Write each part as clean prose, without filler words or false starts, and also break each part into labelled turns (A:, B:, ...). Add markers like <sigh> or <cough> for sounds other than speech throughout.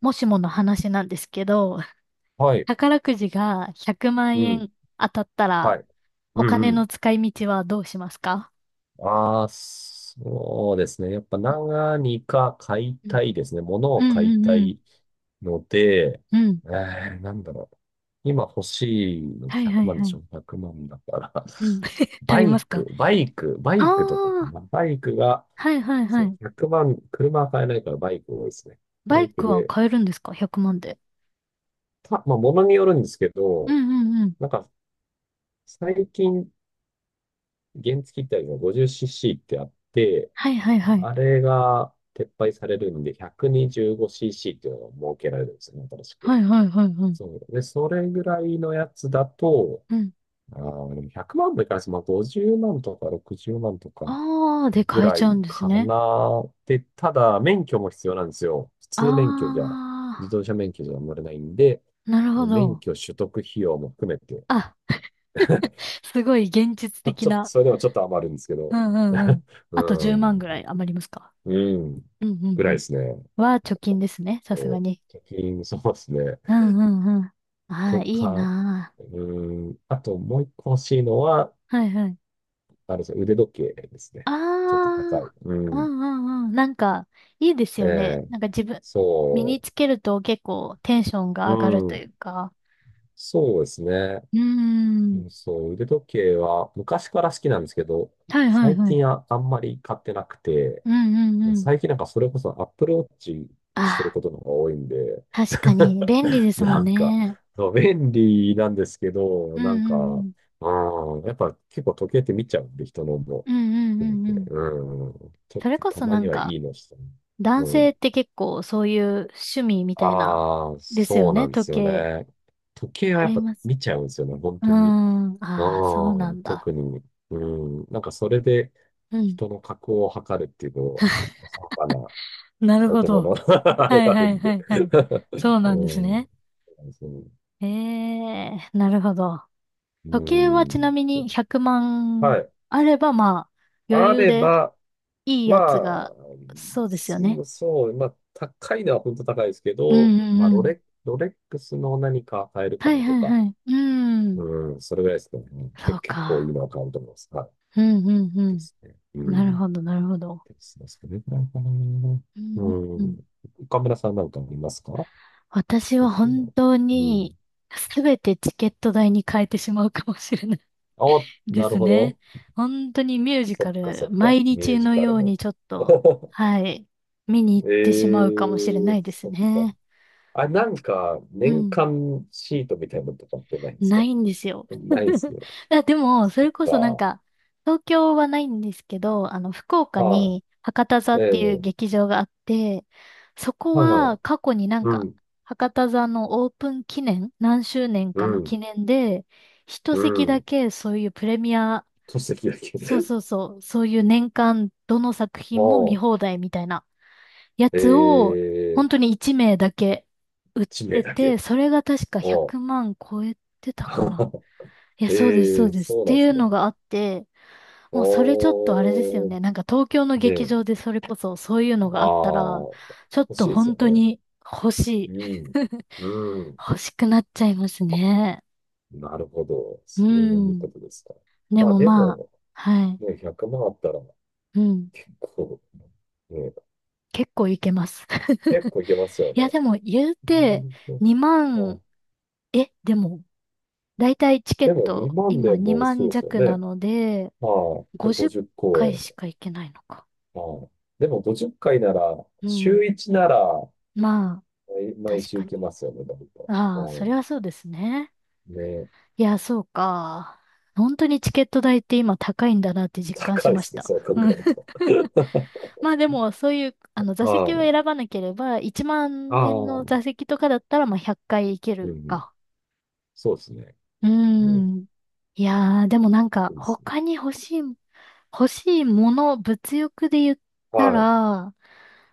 A: もしもの話なんですけど、
B: はい。
A: 宝くじが100万
B: うん。
A: 円当たった
B: は
A: ら、
B: い。う
A: お
B: ん
A: 金
B: う
A: の
B: ん。
A: 使い道はどうしますか？
B: ああ、そうですね。やっぱ何か買い
A: うん
B: たいですね。物
A: う
B: を買い
A: んうん
B: た
A: うん。
B: いので、
A: うん。
B: なんだろう。今欲しいので
A: はいは
B: 100
A: い
B: 万で
A: は
B: し
A: い。
B: ょ1万だから。<laughs>
A: うん。<laughs> 足りますか？
B: バ
A: ああ
B: イクとかか
A: ー、
B: な。バイクが、
A: はいはいは
B: そう、
A: い。
B: 100万、車は買えないからバイク多いですね。バ
A: バ
B: イ
A: イ
B: ク
A: クは
B: で、
A: 買えるんですか？ 100 万で。
B: まあ、物によるんですけ
A: うん
B: ど、
A: うんうん。
B: なんか、最近、原付ってあるの 50cc ってあって、
A: はいはいはい。
B: あれが撤廃されるんで、125cc っていうのが設けられるんですよね、新しく。
A: はいはいはいはい。
B: そう。で、それぐらいのやつだと、
A: うん。
B: でも100万もいかないです。まあ、50万とか60万とか
A: ああ、で
B: ぐ
A: 買え
B: ら
A: ちゃう
B: い
A: んです
B: か
A: ね。
B: な。で、ただ、免許も必要なんですよ。普
A: あ
B: 通免許じゃ、自
A: あ、
B: 動車免許じゃ乗れないんで、
A: なるほ
B: 免
A: ど。
B: 許取得費用も含めて、
A: あ、<laughs> すごい現実的
B: ちょっと、
A: な。
B: それでもちょっと余るんですけ
A: う
B: ど、
A: んうんう
B: <laughs>
A: ん。あと
B: う
A: 10万ぐら
B: ん、
A: い余りますか？
B: うん、
A: うんうん
B: ぐら
A: う
B: いで
A: ん。
B: すね。
A: は貯金ですね、さす
B: お、
A: が
B: 貯
A: に。
B: 金、そうですね。
A: うんうんうん。ああ、
B: と
A: いい
B: か、
A: な
B: あともう一個欲しいのは、
A: あ。はいはい。
B: あれですね、腕時計ですね。
A: ああ、
B: ちょっと高い。う
A: う
B: ん。
A: んうんうん。なんか、いいです
B: え
A: よね。
B: え、
A: なんか自分、身に
B: そ
A: つけると結構テンションが上がる
B: う、
A: と
B: う
A: い
B: ん、
A: うか。
B: そうですね。
A: うーん。
B: うんそう、腕時計は昔から好きなんですけど、
A: はいはい
B: 最
A: はい。
B: 近あんまり買ってなくて、
A: うんうんうん。
B: 最近なんかそれこそ Apple Watch してる
A: あ
B: ことの方が多いんで、
A: あ、確かに便利で
B: <laughs>
A: すも
B: な
A: ん
B: んか、
A: ね。
B: そう、便利なんですけど、
A: う
B: なん
A: んう
B: か、
A: ん
B: うん、やっぱ結構時計って見ちゃうんで、人のも。
A: うん。うんう
B: う
A: ん
B: ん
A: うんうん。
B: ちょっ
A: それ
B: と
A: こ
B: た
A: そ
B: ま
A: な
B: に
A: ん
B: はい
A: か、
B: いのしたね。
A: 男
B: う
A: 性
B: ん。
A: って結構そういう趣味みたいな、
B: ああ、
A: ですよ
B: そうな
A: ね、
B: んで
A: 時
B: すよ
A: 計。
B: ね。時計は
A: あ
B: やっ
A: り
B: ぱ
A: ます。
B: 見ちゃうんですよね、本
A: うー
B: 当に。
A: ん。ああ、そう
B: う
A: な
B: ん、
A: んだ。
B: 特に。うん、なんかそれで
A: うん。
B: 人の格を測るっていうのは、浅はかな
A: なるほ
B: 男の
A: ど。
B: <laughs> あれ
A: は
B: が
A: い
B: ある
A: はい
B: んで
A: はいはい。そう
B: <laughs>
A: なんです
B: うん、
A: ね。
B: そう
A: ええ、なるほど。
B: う
A: 時計はちな
B: ん、
A: み
B: ちょっ
A: に100万
B: はい。
A: あれば、まあ、余
B: あ
A: 裕
B: れ
A: で
B: ば、
A: いい
B: ま
A: やつ
B: あ、
A: が、そうですよね。
B: まあ、高いのは本当高いですけ
A: う
B: ど、
A: んう
B: まあ、
A: んうん。
B: ロレックスの何か買えるか
A: はい
B: なと
A: はい
B: か、
A: はい。うん。
B: うん、それぐらいですかね。
A: そう
B: 結構いい
A: か。
B: のは買うと思います。はい。
A: うんうんう
B: ですね。う
A: ん。なる
B: ん。で
A: ほどなるほど。
B: すね。それぐらいかな。
A: うんう
B: う
A: んうん。
B: ん。岡村さんなんかありますか
A: 私は
B: 欲しい
A: 本
B: の。
A: 当
B: う
A: に
B: ん。
A: すべてチケット代に変えてしまうかもしれない。
B: あ、
A: <laughs> で
B: なる
A: す
B: ほ
A: ね。
B: ど。
A: 本当にミュージカ
B: そ
A: ル、
B: っ
A: 毎
B: か。ミュー
A: 日
B: ジ
A: の
B: カ
A: よ
B: ル
A: うに
B: の。
A: ちょっと、
B: <laughs>
A: はい、見に行っ
B: え
A: てしまうかもしれ
B: え
A: な
B: ー
A: いです
B: そっか。
A: ね。
B: あ、なんか、
A: う
B: 年
A: ん。
B: 間シートみたいなのとかってないんですか
A: ないんですよ。
B: ないです
A: <laughs>
B: ね。
A: あ、でも、そ
B: そっ
A: れこそなん
B: か。
A: か、東京はないんですけど、あの、福岡
B: は
A: に博多座
B: い。
A: っ
B: え
A: ていう
B: え。
A: 劇場があって、そこ
B: はいは
A: は
B: い。
A: 過去になん
B: う
A: か、
B: ん。
A: 博多座のオープン記念、何周年
B: う
A: かの
B: ん。
A: 記念で、一
B: う
A: 席だ
B: ん。
A: けそういうプレミア、
B: 戸籍だけ。
A: そう
B: <laughs>
A: そうそう、そういう年間どの作品も見
B: も
A: 放題みたいなや
B: う、え
A: つを、
B: え、
A: 本当に1名だけ
B: 地名
A: 出
B: だ
A: て、
B: け。
A: それが確か
B: お
A: 100万超えてたかな。
B: <laughs>
A: いや、そうです、そ
B: え
A: う
B: え、
A: です。っ
B: そうな
A: て
B: んで
A: い
B: す
A: う
B: ね。
A: のがあって、もうそれちょっとあれですよ
B: おー。
A: ね。なんか東京の
B: ね
A: 劇
B: え。
A: 場でそれこそそういうの
B: ああ、
A: があったら、ちょっ
B: 欲しい
A: と
B: です
A: 本
B: よ
A: 当
B: ね。
A: に欲しい。
B: うん。
A: <laughs>
B: うん。
A: 欲しくなっちゃいますね。
B: なるほど。
A: う
B: そういう
A: ん。
B: ことですか。
A: で
B: まあ
A: も
B: で
A: まあ、
B: も、
A: はい。
B: ね、100万あったら、
A: うん。
B: 結構、ね、
A: 結構いけます。
B: 結
A: <laughs>
B: 構いけますよ
A: い
B: ね。
A: や、でも言う
B: な
A: て、
B: るほ
A: 2
B: どは
A: 万、
B: い。
A: え、でも、だいたいチケ
B: で
A: ッ
B: も
A: ト、
B: 2万
A: 今
B: 年も
A: 2
B: そう
A: 万
B: ですよ
A: 弱
B: ね。
A: なので、
B: はい。で
A: 50
B: 50公
A: 回
B: 演。
A: しか行けないのか。
B: はい。でも50回なら、
A: うん。
B: 週1なら、
A: まあ、
B: 毎
A: 確
B: 週
A: か
B: 行け
A: に。
B: ますよね、だいぶ。
A: ああ、そ
B: は
A: れはそうですね。
B: い。ね。
A: いや、そうか。本当にチケット代って今高いんだなって実感し
B: 高いで
A: まし
B: すね、
A: た。
B: そう考
A: うん。
B: えると。
A: <laughs>
B: <laughs>
A: まあでも、そういう、あ
B: は
A: の、座席を
B: い。
A: 選ばなければ、1
B: あ
A: 万
B: あ、
A: 円
B: う
A: の
B: ん
A: 座席とかだったら、まあ100回行け
B: う
A: る
B: ん。
A: か。
B: そうですね。
A: うー
B: うん。
A: ん。いやー、でもなんか、
B: いいですね。
A: 他に欲しい、欲しいもの、物欲で言った
B: はい。
A: ら、あ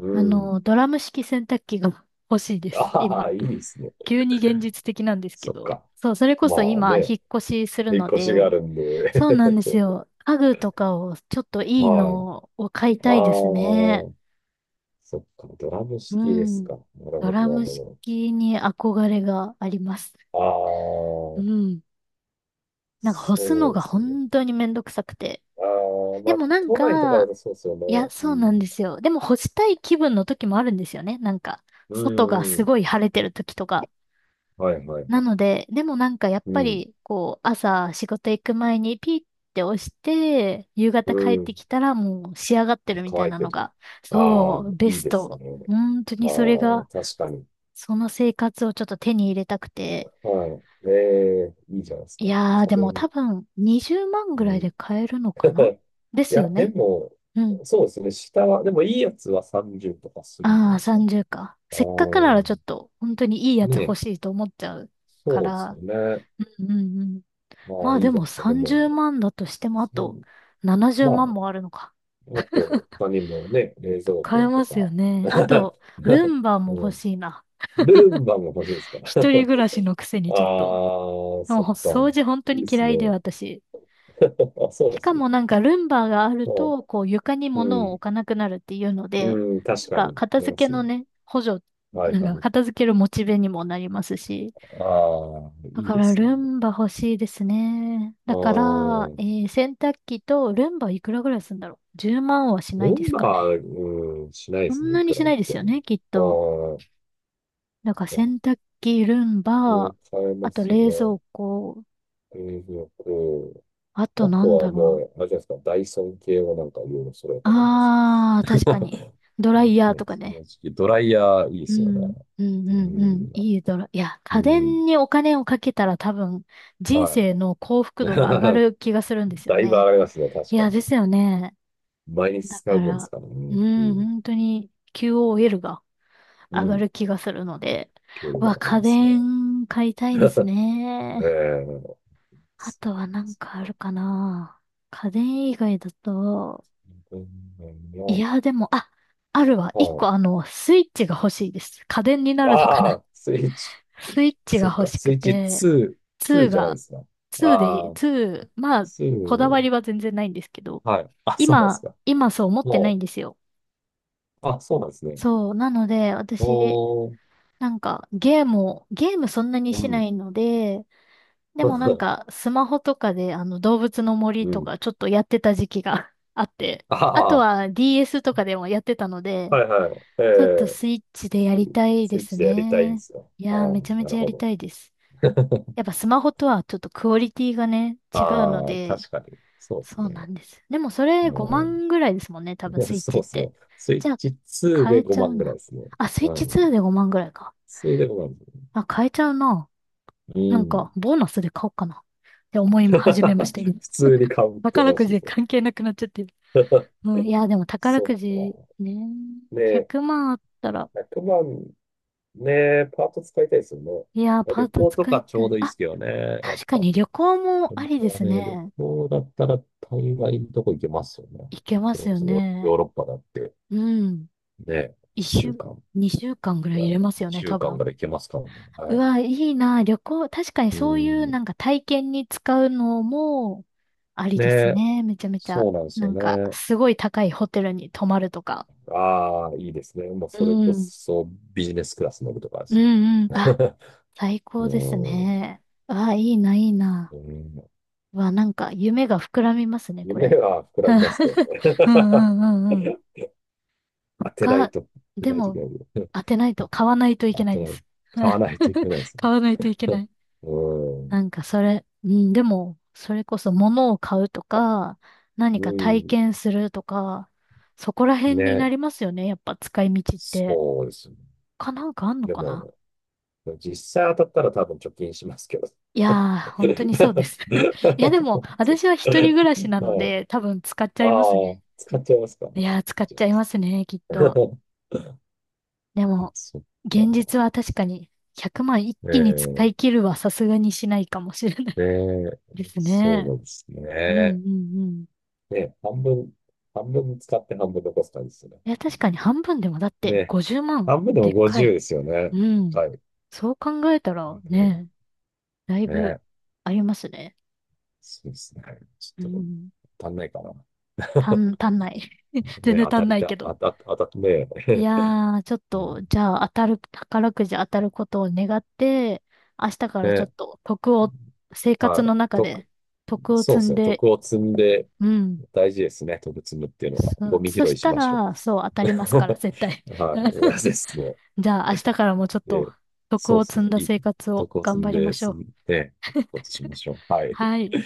B: うん。
A: の、ドラム式洗濯機が <laughs> 欲しいです、
B: あ
A: 今。
B: あ、いいですね。
A: 急に現実的なんですけ
B: そっ
A: ど。
B: か。
A: そう、それこ
B: ま
A: そ
B: あ
A: 今、引
B: ね。
A: っ越しする
B: 引っ
A: の
B: 越しがあ
A: で、
B: るん
A: そう
B: で。
A: なんで
B: <laughs>
A: す
B: そ
A: よ。家具とかを、ちょっと
B: う。
A: いい
B: はい。
A: のを買い
B: あ
A: たいですね。
B: あ。そっか、ドラム
A: う
B: 式ですか。
A: ん。ドラ
B: なる
A: ム
B: ほ
A: 式に憧れがあります。う
B: ど。ああ、
A: ん。なんか干す
B: そ
A: の
B: う
A: が
B: ですね。
A: 本当にめんどくさくて。
B: ああ、ま
A: で
B: あ、
A: もなん
B: 都内とかだ
A: か、
B: とそうですよね。
A: いや、
B: う
A: そうなんで
B: ん。
A: すよ。でも干したい気分の時もあるんですよね。なんか、
B: う
A: 外が
B: ん、う
A: す
B: ん。
A: ごい晴れてる時とか。
B: はい、はい、
A: な
B: はい。
A: ので、でもなんかやっ
B: う
A: ぱ
B: ん、
A: り、こう、朝仕事行く前にピッて押して、夕
B: う
A: 方帰って
B: ん。
A: きたらもう仕上がってるみたい
B: 乾い
A: な
B: て
A: の
B: る。
A: が、そ
B: ああ、
A: う、ベ
B: いい
A: ス
B: です
A: ト。
B: ね。
A: 本当
B: あ
A: にそれ
B: あ、
A: が、
B: 確かに。
A: その生活をちょっと手に入れたくて。
B: はい。ええ、いいじゃないです
A: い
B: か。
A: やー、
B: 家
A: でも
B: 電。
A: 多分20万
B: う
A: ぐらい
B: ん。
A: で買えるのかな。
B: <laughs>
A: で
B: い
A: すよ
B: や、で
A: ね。
B: も、
A: うん。
B: そうですね。下は、でもいいやつは30とかするんじゃ
A: あ
B: な
A: あ、
B: いですか。
A: 30か。
B: ああ、
A: せっかくならちょっと、本当にいいやつ
B: ね
A: 欲
B: え、
A: しいと思っちゃうか
B: そうですよ
A: ら。
B: ね。
A: うんうん。
B: ま
A: ま
B: あ、
A: あ
B: いい
A: で
B: じゃない
A: も
B: ですか。で
A: 30
B: も、
A: 万だとしてもあ
B: そ
A: と
B: う
A: 70
B: まあ、
A: 万もあるのか。
B: あと、他にもね、冷蔵
A: 買え
B: 庫と
A: ますよ
B: か、
A: ね。あ
B: <laughs>
A: と、ルンバ
B: う
A: も欲
B: ん。
A: しいな。
B: ルンバも欲しいですか
A: 一人暮らしのくせ
B: <laughs>
A: にちょっと。
B: ああ、
A: も
B: そ
A: う
B: っか。
A: 掃除本当
B: いい
A: に
B: です
A: 嫌いで
B: ね。
A: 私。
B: <laughs> あ、そうで
A: しか
B: すね。
A: もなんかルンバがある
B: まあ、
A: と、こう床に
B: う
A: 物を置
B: ん。
A: かなくなるっていうの
B: う
A: で、
B: ん、
A: な
B: 確
A: ん
B: か
A: か
B: に。
A: 片
B: あり
A: 付
B: ま
A: け
B: す
A: の
B: ね。
A: ね、補助、
B: はいは
A: なんか
B: い。
A: 片付けるモチベにもなりますし、
B: ああ、
A: だ
B: いい
A: か
B: で
A: ら
B: すね。
A: ルンバ欲しいですね。
B: あ
A: だから、
B: あ、
A: 洗濯機とルンバいくらぐらいするんだろう。10万はしない
B: ル
A: で
B: ン
A: すか
B: バ、
A: ね。
B: うん、しないで
A: そ
B: す
A: ん
B: ね。い
A: なに
B: く
A: し
B: ら売
A: な
B: っ
A: いで
B: て
A: すよね、きっと。
B: も。
A: だから
B: ああ、い
A: 洗
B: や
A: 濯機、ルン
B: これ
A: バ、
B: 買え
A: あ
B: ま
A: と
B: す
A: 冷
B: ね。
A: 蔵庫、
B: 冷蔵庫。
A: あ
B: あ
A: とな
B: と
A: ん
B: は
A: だろう。
B: もう、あれじゃないですか、ダイソン系をなんかいろいろ揃えたらいいです。
A: あー、
B: <laughs>
A: 確かに。ドライヤーと
B: ね、
A: か
B: そ
A: ね。
B: の時期ドライヤーいいで
A: う
B: すよね。
A: ん、うん、うん、うん。いいドラ、いや、家
B: うん、うん、
A: 電にお金をかけたら多分人
B: はい。
A: 生の幸福度が上が
B: <laughs>
A: る気がするんですよ
B: だいぶ上
A: ね。
B: がりますね、確
A: い
B: か
A: や、
B: に。
A: ですよね。
B: 毎日
A: だ
B: 使う
A: か
B: もんです
A: ら、
B: から
A: う
B: ね。う
A: ん、
B: ん、
A: 本当に QOL が
B: う
A: 上が
B: ん、
A: る気がするので、
B: 給料
A: う
B: が
A: わ、
B: 上がり
A: 家
B: ますね。
A: 電買いたいです
B: ええ
A: ね。
B: ー、
A: あとはなんかあるかな。家電以外だと、い
B: の、
A: や、でも、あ、あるわ。一
B: は
A: 個あ
B: い。
A: の、スイッチが欲しいです。家電になるのか
B: あ
A: な。
B: あ、スイッチ。
A: <laughs> スイッチ
B: そ
A: が
B: っ
A: 欲
B: か、
A: し
B: ス
A: く
B: イッチ
A: て、
B: 2、ツー
A: 2
B: じゃないで
A: が、
B: すか。
A: 2
B: あ
A: で、
B: あ、
A: 2、まあ、
B: ツ
A: こだわ
B: ー
A: りは全然ないんですけど、
B: はい。あ、そうなんですか。
A: 今そう思ってない
B: も
A: ん
B: う
A: ですよ。
B: あ、そうなんですね。
A: そう。なので、私、
B: おー、
A: なんか、ゲームそんなに
B: う
A: しな
B: ん。
A: いので、でもなん
B: <laughs>
A: か、スマホとかで、あの、動物の森
B: う
A: と
B: ん。
A: か、ちょっとやってた時期が <laughs> あって、
B: あ
A: あと
B: あ、
A: は DS とかでもやってたので、
B: はいはい。え
A: ちょっと
B: え
A: スイッチでやりたいで
B: スイッ
A: す
B: チでやりたいんで
A: ね。
B: すよ。
A: い
B: あ
A: やー、めちゃ
B: あ、
A: め
B: な
A: ち
B: る
A: ゃや
B: ほ
A: り
B: ど。
A: たいです。
B: <laughs>
A: やっぱスマホとはちょっとクオリティがね、違うの
B: ああ、
A: で、
B: 確かに。そうです
A: そうな
B: ね。
A: んです。でもそ
B: う
A: れ5
B: ん。
A: 万ぐらいですもんね、多分
B: <laughs>
A: スイッチ
B: そう
A: っ
B: です
A: て。
B: ね。スイッ
A: じゃあ、
B: チ2
A: 変
B: で
A: えちゃ
B: 5
A: う
B: 万ぐらい
A: な。
B: ですね。
A: あ、スイッ
B: う
A: チ2
B: ん。
A: で5万ぐらいか。
B: それで5万ですね。
A: あ、変えちゃうな。
B: う
A: なん
B: ん。
A: か、ボーナスで買おうかなって思
B: <laughs>
A: い始めました、今。
B: 普通に買うって
A: 宝く
B: 話
A: じ
B: で
A: で
B: すよ。
A: 関係なくなっちゃってる。
B: <laughs>
A: うん、いや、でも宝
B: そっ
A: くじ
B: か。
A: ね、
B: ねえ、
A: 100万あったら、
B: 100万、ねえ、パート使いたいですよ
A: いや、
B: ね。
A: パー
B: 旅
A: ト
B: 行と
A: 使い
B: かち
A: た
B: ょう
A: い。
B: どいいで
A: あ、
B: すけどね。やっ
A: 確か
B: ぱ。
A: に旅行もあ
B: 本
A: り
B: 当
A: で
B: は
A: す
B: ね、旅
A: ね。
B: 行だったら大概のとこ行けますよね。
A: 行けま
B: それ
A: す
B: こ
A: よ
B: そヨ
A: ね。
B: ーロッパだって、
A: うん。
B: ね、一
A: 一
B: 週
A: 週、
B: 間
A: 二週間ぐら
B: ぐ
A: い
B: ら
A: 入
B: い、
A: れます
B: 二
A: よね、
B: 週
A: 多
B: 間ぐ
A: 分。
B: らい行けますからね。
A: う
B: は
A: わ、いいな、旅行。確かに
B: い。う
A: そういう
B: ん。
A: なんか体験に使うのもありです
B: ね、
A: ね。めちゃめちゃ。
B: そうなんです
A: な
B: よ
A: んか、
B: ね。
A: すごい高いホテルに泊まるとか。
B: ああ、いいですね。もう
A: う
B: それこ
A: ん。
B: そビジネスクラス乗るとかで
A: う
B: すね。
A: んうん。あ、
B: <laughs>
A: 最
B: う
A: 高です
B: ん。
A: ね。わあ、いいな、いいな。
B: うん
A: わあ、なんか夢が膨らみますね、こ
B: 夢
A: れ。
B: は膨らみますけど
A: <laughs> うんう
B: ね。
A: んうんうん。
B: <laughs> 当てない
A: 他、
B: と、当
A: で
B: てないとい
A: も、
B: けない。
A: 当てないと、買わないと
B: <laughs>
A: いけ
B: 当
A: な
B: て
A: いで
B: ない。
A: す。
B: 買
A: <laughs>
B: わないといけないですね。
A: 買わないといけない。
B: うん。
A: なんかそれ、うん、でも、それこそ物を買うとか、何
B: う
A: か体
B: ん。
A: 験するとか、そこら辺にな
B: ね。
A: りますよね。やっぱ使い道って。
B: そうですね。
A: かなんかあんの
B: で
A: かな。
B: も、実際当たったら多分貯金しますけど。<laughs>
A: いやー、本当にそうです。<laughs> いや、でも、私は一人暮らしなの
B: はい。
A: で、多分使っち
B: あ
A: ゃいますね。
B: あ、使っちゃいますか。
A: いやー、使
B: いい
A: っ
B: じゃ
A: ち
B: ない
A: ゃ
B: で
A: い
B: す
A: ますね、きっと。
B: か。
A: で
B: <laughs>
A: も、
B: そっ
A: 現
B: か。
A: 実は確かに、100万一気に使
B: え
A: い
B: え
A: 切るはさすがにしないかもしれない。
B: で、
A: <laughs> です
B: そうな
A: ね。
B: んです
A: うんう
B: ね。
A: んうん。
B: ね、半分、半分使って半分残す感じですね。
A: いや、確かに半分でもだって、
B: ね、
A: 50万、
B: 半分でも
A: でっかい。
B: 50ですよね。
A: うん。
B: はい。
A: そう考えたら、
B: うん
A: ね、だいぶ、
B: ね、
A: ありますね。
B: そうですね。ち
A: う
B: ょっと
A: ん。
B: 足んないかな。<laughs>
A: 足んない。<laughs> 全
B: ね、
A: 然
B: 当
A: 足
B: た
A: ん
B: り
A: ないけ
B: た、
A: ど。
B: あた、当た、ね、
A: い
B: <laughs>
A: やー、ちょっ
B: うん。
A: と、じゃあ当たる、宝くじ当たることを願って、明日からちょっ
B: で、
A: と徳を、生活
B: はい。
A: の中
B: 徳、
A: で徳を
B: そ
A: 積
B: うです
A: ん
B: ね。
A: で、
B: 徳を積んで
A: うん。
B: 大事ですね。徳積むっていうのは。ゴミ
A: そ
B: 拾
A: し
B: いし
A: た
B: ましょう。
A: ら、そう、当たりますから、絶対。
B: <laughs> はい。同じ
A: <laughs>
B: ですね。
A: じゃあ明日からもちょっと
B: で、
A: 徳
B: そう
A: を
B: です
A: 積ん
B: ね。
A: だ
B: いい。
A: 生活を
B: 徳を積
A: 頑
B: ん
A: 張りま
B: で、
A: しょ
B: 積
A: う。
B: んで、ことしましょう。はい。
A: はい。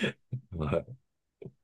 B: はい